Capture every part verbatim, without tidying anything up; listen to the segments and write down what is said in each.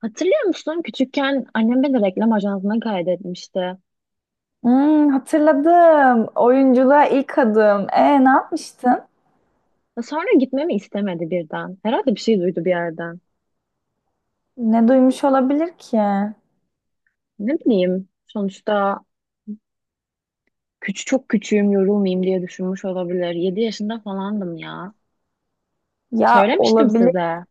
Hatırlıyor musun? Küçükken annem beni reklam ajansına kaydetmişti. Hmm, hatırladım. Oyunculuğa ilk adım. E, ne yapmıştın? Ve Sonra gitmemi istemedi birden. Herhalde bir şey duydu bir yerden. Ne duymuş olabilir ki? Ne bileyim. Sonuçta küçük çok küçüğüm yorulmayayım diye düşünmüş olabilir. Yedi yaşında falandım ya. Ya Söylemiştim olabilir. size.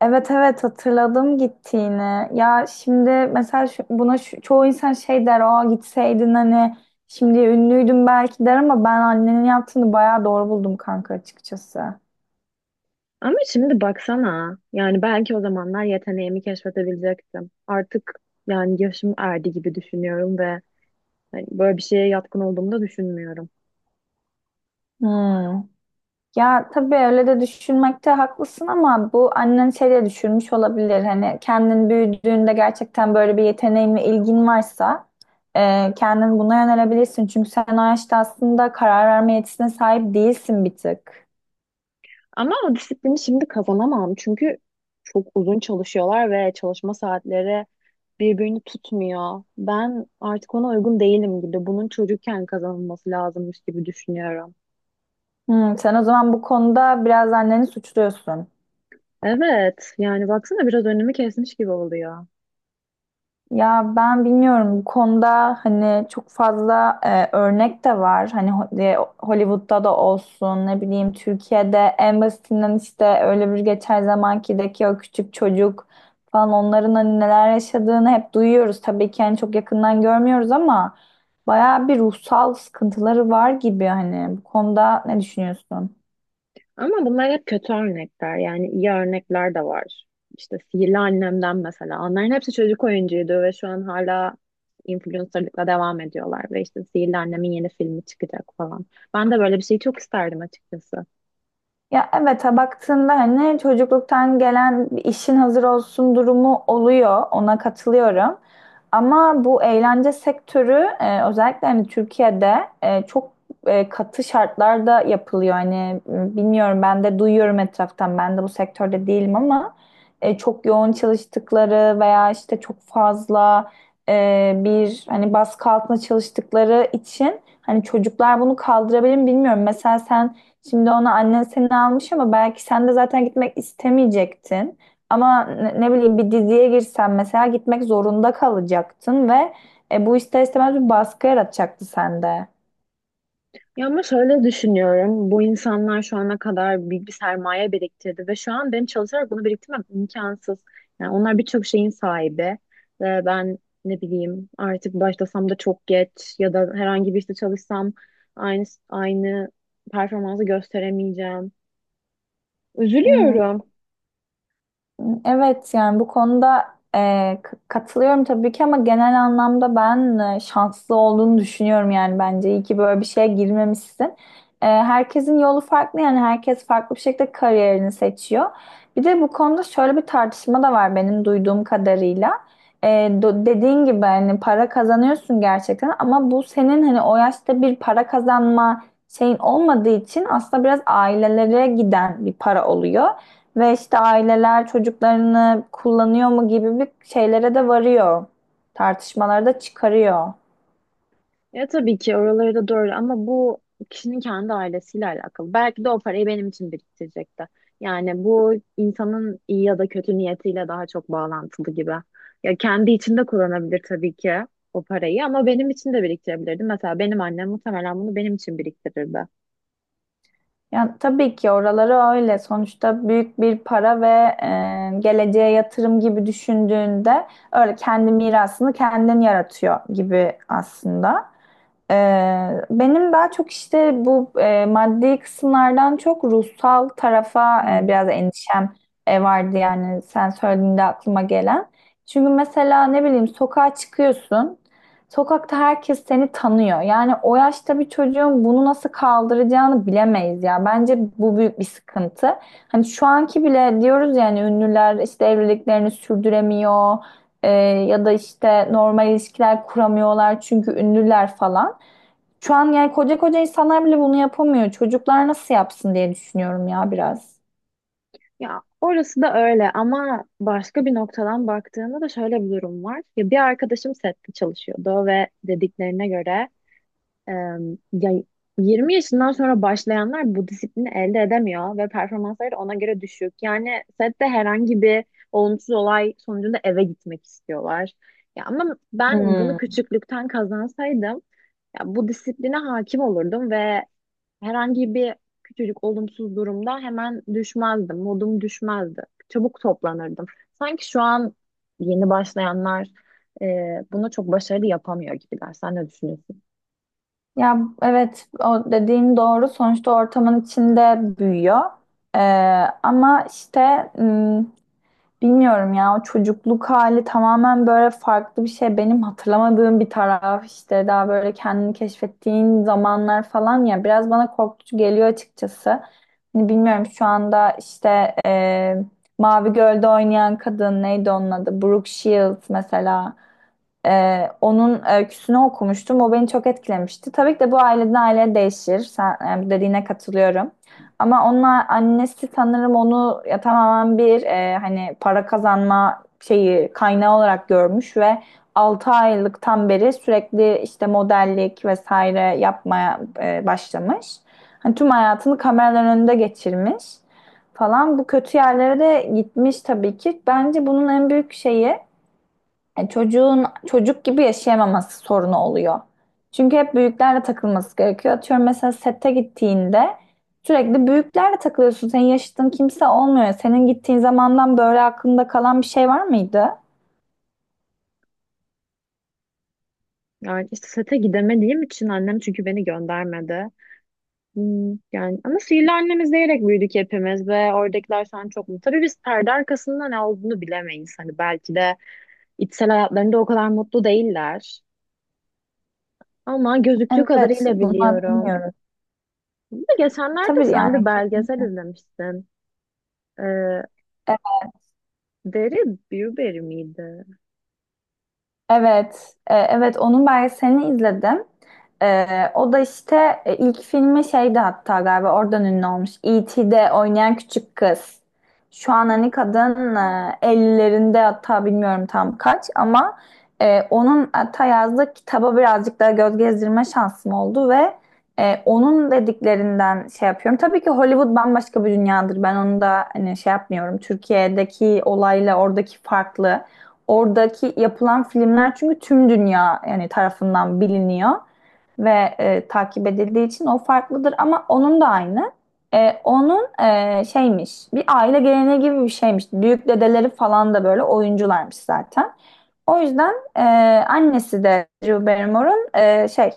Evet, evet, hatırladım gittiğini. Ya şimdi mesela şu- buna şu- çoğu insan şey der. Aa gitseydin hani şimdi ünlüydün belki der ama ben annenin yaptığını bayağı doğru buldum kanka açıkçası. Ama şimdi baksana. Yani belki o zamanlar yeteneğimi keşfedebilecektim. Artık yani yaşım erdi gibi düşünüyorum ve hani böyle bir şeye yatkın olduğumu da düşünmüyorum. Hmm. Ya tabii öyle de düşünmekte haklısın ama bu annen şey diye düşünmüş olabilir. Hani kendin büyüdüğünde gerçekten böyle bir yeteneğin ve ilgin varsa e, kendin buna yönelebilirsin. Çünkü sen o yaşta aslında karar verme yetisine sahip değilsin bir tık. Ama o disiplini şimdi kazanamam. Çünkü çok uzun çalışıyorlar ve çalışma saatleri birbirini tutmuyor. Ben artık ona uygun değilim gibi. Bunun çocukken kazanılması lazımmış gibi düşünüyorum. Hmm, sen o zaman bu konuda biraz anneni suçluyorsun. Evet, yani baksana biraz önümü kesmiş gibi oluyor. Ya ben bilmiyorum bu konuda hani çok fazla e, örnek de var. Hani Ho- e, Hollywood'da da olsun ne bileyim Türkiye'de en basitinden işte öyle bir geçen zamankideki o küçük çocuk falan onların hani neler yaşadığını hep duyuyoruz. Tabii ki hani çok yakından görmüyoruz ama bayağı bir ruhsal sıkıntıları var gibi hani bu konuda ne düşünüyorsun? Ama bunlar hep kötü örnekler. Yani iyi örnekler de var. İşte Sihirli Annem'den mesela. Onların hepsi çocuk oyuncuydu ve şu an hala influencerlıkla devam ediyorlar. Ve işte Sihirli Annem'in yeni filmi çıkacak falan. Ben de böyle bir şeyi çok isterdim açıkçası. Ya evet ha, baktığında hani çocukluktan gelen bir işin hazır olsun durumu oluyor. Ona katılıyorum. Ama bu eğlence sektörü e, özellikle hani Türkiye'de e, çok e, katı şartlarda yapılıyor. Hani m, bilmiyorum ben de duyuyorum etraftan. Ben de bu sektörde değilim ama e, çok yoğun çalıştıkları veya işte çok fazla e, bir hani baskı altında çalıştıkları için hani çocuklar bunu kaldırabilir mi bilmiyorum. Mesela sen, şimdi onu annen seni almış ama belki sen de zaten gitmek istemeyecektin. Ama ne, ne bileyim bir diziye girsen mesela gitmek zorunda kalacaktın ve e, bu ister istemez bir baskı yaratacaktı sende. Ya ama şöyle düşünüyorum. Bu insanlar şu ana kadar büyük bir sermaye biriktirdi ve şu an benim çalışarak bunu biriktirmem imkansız. Yani onlar birçok şeyin sahibi ve ben ne bileyim artık başlasam da çok geç ya da herhangi bir işte çalışsam aynı aynı performansı gösteremeyeceğim. Üzülüyorum. Evet yani bu konuda e, k- katılıyorum tabii ki ama genel anlamda ben e, şanslı olduğunu düşünüyorum, yani bence iyi ki böyle bir şeye girmemişsin. E, herkesin yolu farklı, yani herkes farklı bir şekilde kariyerini seçiyor. Bir de bu konuda şöyle bir tartışma da var benim duyduğum kadarıyla. E, do- dediğin gibi hani para kazanıyorsun gerçekten ama bu senin hani o yaşta bir para kazanma şeyin olmadığı için aslında biraz ailelere giden bir para oluyor. Ve işte aileler çocuklarını kullanıyor mu gibi bir şeylere de varıyor. Tartışmalara da çıkarıyor. Ya tabii ki oraları da doğru ama bu kişinin kendi ailesiyle alakalı. Belki de o parayı benim için biriktirecekti. Yani bu insanın iyi ya da kötü niyetiyle daha çok bağlantılı gibi. Ya kendi içinde kullanabilir tabii ki o parayı ama benim için de biriktirebilirdi. Mesela benim annem muhtemelen bunu benim için biriktirirdi. Yani tabii ki oraları öyle. Sonuçta büyük bir para ve e, geleceğe yatırım gibi düşündüğünde öyle kendi mirasını kendin yaratıyor gibi aslında. Ee, benim daha çok işte bu e, maddi kısımlardan çok ruhsal tarafa e, Hmm. biraz endişem e, vardı, yani sen söylediğinde aklıma gelen. Çünkü mesela ne bileyim sokağa çıkıyorsun. Sokakta herkes seni tanıyor. Yani o yaşta bir çocuğun bunu nasıl kaldıracağını bilemeyiz ya. Bence bu büyük bir sıkıntı. Hani şu anki bile diyoruz, yani ünlüler işte evliliklerini sürdüremiyor. e, Ya da işte normal ilişkiler kuramıyorlar çünkü ünlüler falan. Şu an yani koca koca insanlar bile bunu yapamıyor. Çocuklar nasıl yapsın diye düşünüyorum ya biraz. Ya orası da öyle ama başka bir noktadan baktığında da şöyle bir durum var. Ya bir arkadaşım sette çalışıyordu ve dediklerine göre Ee, ya yirmi yaşından sonra başlayanlar bu disiplini elde edemiyor ve performansları ona göre düşük. Yani sette herhangi bir olumsuz olay sonucunda eve gitmek istiyorlar. Ya ama ben bunu Hmm. küçüklükten kazansaydım ya bu disipline hakim olurdum ve herhangi bir küçücük olumsuz durumda hemen düşmezdim. Modum düşmezdi. Çabuk toplanırdım. Sanki şu an yeni başlayanlar e, bunu çok başarılı yapamıyor gibiler. Sen ne düşünüyorsun? Ya evet, o dediğin doğru. Sonuçta ortamın içinde büyüyor. Ee, Ama işte, hmm, bilmiyorum ya, o çocukluk hali tamamen böyle farklı bir şey. Benim hatırlamadığım bir taraf işte, daha böyle kendini keşfettiğin zamanlar falan ya, biraz bana korkutucu geliyor açıkçası. Hani bilmiyorum şu anda işte e, Mavi Göl'de oynayan kadın neydi onun adı? Brooke Shields mesela. Ee, onun öyküsünü okumuştum. O beni çok etkilemişti. Tabii ki de bu aileden aileye değişir. Sen yani bu dediğine katılıyorum. Ama onun a- annesi sanırım onu ya tamamen bir e, hani para kazanma şeyi kaynağı olarak görmüş ve altı aylıktan beri sürekli işte modellik vesaire yapmaya e, başlamış. Hani tüm hayatını kameraların önünde geçirmiş falan. Bu kötü yerlere de gitmiş tabii ki. Bence bunun en büyük şeyi yani çocuğun çocuk gibi yaşayamaması sorunu oluyor. Çünkü hep büyüklerle takılması gerekiyor. Atıyorum mesela sette gittiğinde sürekli büyüklerle takılıyorsun. Senin yaşıtın kimse olmuyor. Senin gittiğin zamandan böyle aklında kalan bir şey var mıydı? Yani işte sete gidemediğim için annem çünkü beni göndermedi. Hmm, yani ama sihirli annemi izleyerek büyüdük hepimiz ve oradakiler sen çok mutlu. Tabii biz perde arkasında ne olduğunu bilemeyiz. Hani belki de içsel hayatlarında o kadar mutlu değiller. Ama gözüktüğü Evet, kadarıyla bunlar biliyorum. bilmiyoruz. Bir de geçenlerde Tabii sen bir yani. belgesel izlemiştin. Ee, Deri Bürberry miydi? Evet, e, evet onun belgeselini izledim. E, O da işte e, ilk filmi şeydi hatta, galiba oradan ünlü olmuş. i ti'de oynayan küçük kız. Şu an hani kadın e, ellilerinde hatta, bilmiyorum tam kaç ama e, onun hatta yazdığı kitaba birazcık daha göz gezdirme şansım oldu ve e, onun dediklerinden şey yapıyorum. Tabii ki Hollywood bambaşka bir dünyadır. Ben onu da hani şey yapmıyorum. Türkiye'deki olayla oradaki farklı. Oradaki yapılan filmler çünkü tüm dünya yani tarafından biliniyor ve e, takip edildiği için o farklıdır ama onun da aynı. E, onun e, şeymiş, bir aile geleneği gibi bir şeymiş. Büyük dedeleri falan da böyle oyuncularmış zaten. O yüzden e, annesi de Drew Barrymore'un e, şey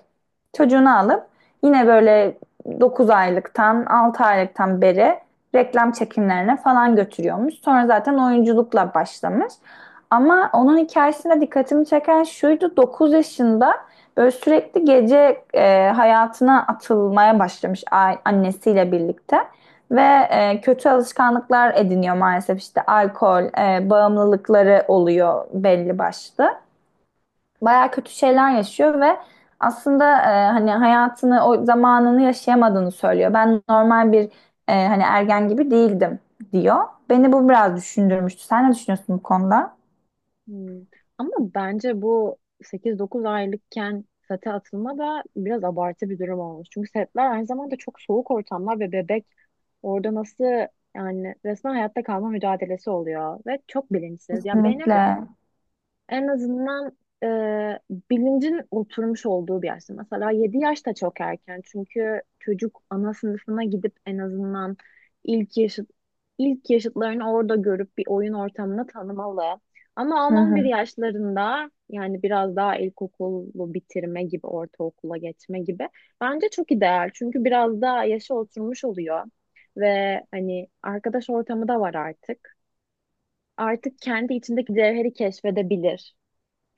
çocuğunu alıp yine böyle dokuz aylıktan altı aylıktan beri reklam çekimlerine falan götürüyormuş. Sonra zaten oyunculukla başlamış. Ama onun hikayesinde dikkatimi çeken şuydu, dokuz yaşında böyle sürekli gece e, hayatına atılmaya başlamış a- annesiyle birlikte. Ve e, kötü alışkanlıklar ediniyor maalesef, işte alkol, e, bağımlılıkları oluyor belli başlı. Bayağı kötü şeyler yaşıyor ve aslında e, hani hayatını, o zamanını yaşayamadığını söylüyor. Ben normal bir e, hani ergen gibi değildim diyor. Beni bu biraz düşündürmüştü. Sen ne düşünüyorsun bu konuda? Hmm. Ama bence bu sekiz dokuz aylıkken sete atılma da biraz abartı bir durum olmuş. Çünkü setler aynı zamanda çok soğuk ortamlar ve bebek orada nasıl yani resmen hayatta kalma mücadelesi oluyor ve çok bilinçsiz. Ya benim Kesinlikle. en azından e, bilincin oturmuş olduğu bir yaşta. Mesela yedi yaş da çok erken. Çünkü çocuk ana sınıfına gidip en azından ilk yaşıt ilk yaşıtlarını orada görüp bir oyun ortamını tanımalı. Ama Hı on on bir hı. yaşlarında yani biraz daha ilkokulu bitirme gibi, ortaokula geçme gibi bence çok ideal. Çünkü biraz daha yaşa oturmuş oluyor ve hani arkadaş ortamı da var artık. Artık kendi içindeki cevheri keşfedebilir.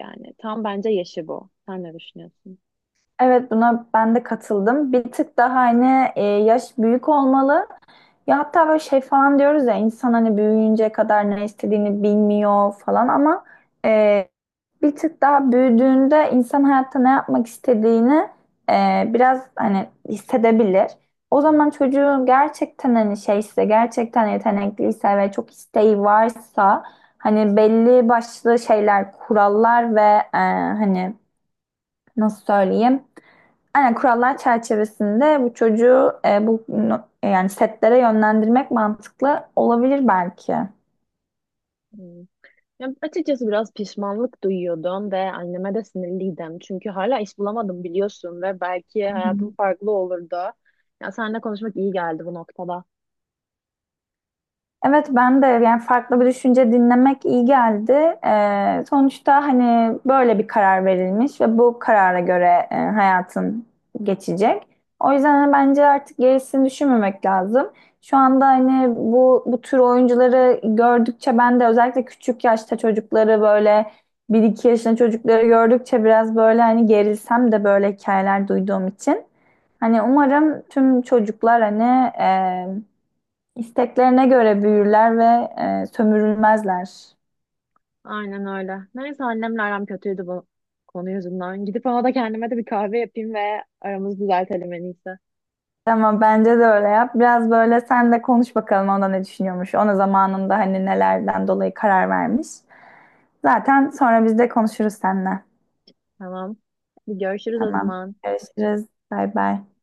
Yani tam bence yaşı bu. Sen ne düşünüyorsun? Evet, buna ben de katıldım. Bir tık daha hani e, yaş büyük olmalı. Ya hatta böyle şey falan diyoruz ya, insan hani büyüyünceye kadar ne istediğini bilmiyor falan ama e, bir tık daha büyüdüğünde insan hayatta ne yapmak istediğini e, biraz hani hissedebilir. O zaman çocuğun gerçekten hani şeyse, gerçekten yetenekliyse ve çok isteği varsa hani belli başlı şeyler, kurallar ve e, hani nasıl söyleyeyim? Aynen kurallar çerçevesinde bu çocuğu e, bu no- yani setlere yönlendirmek mantıklı olabilir belki. Hmm. Ya açıkçası biraz pişmanlık duyuyordum ve anneme de sinirliydim. Çünkü hala iş bulamadım biliyorsun ve belki hayatım farklı olurdu. Ya seninle konuşmak iyi geldi bu noktada. Evet ben de yani farklı bir düşünce dinlemek iyi geldi. Ee, sonuçta hani böyle bir karar verilmiş ve bu karara göre e, hayatın geçecek. O yüzden hani bence artık gerisini düşünmemek lazım. Şu anda hani bu bu tür oyuncuları gördükçe ben de, özellikle küçük yaşta çocukları, böyle bir iki yaşında çocukları gördükçe biraz böyle hani gerilsem de, böyle hikayeler duyduğum için. Hani umarım tüm çocuklar hani e, İsteklerine göre büyürler ve e, sömürülmezler. Aynen öyle. Neyse annemle aram kötüydü bu konu yüzünden. Gidip ona da kendime de bir kahve yapayım ve aramızı düzeltelim en iyisi. Ama bence de öyle yap. Biraz böyle sen de konuş bakalım, ona ne düşünüyormuş. Ona zamanında hani nelerden dolayı karar vermiş. Zaten sonra biz de konuşuruz seninle. Tamam. Bir görüşürüz o Tamam. zaman. Görüşürüz. Bay bay.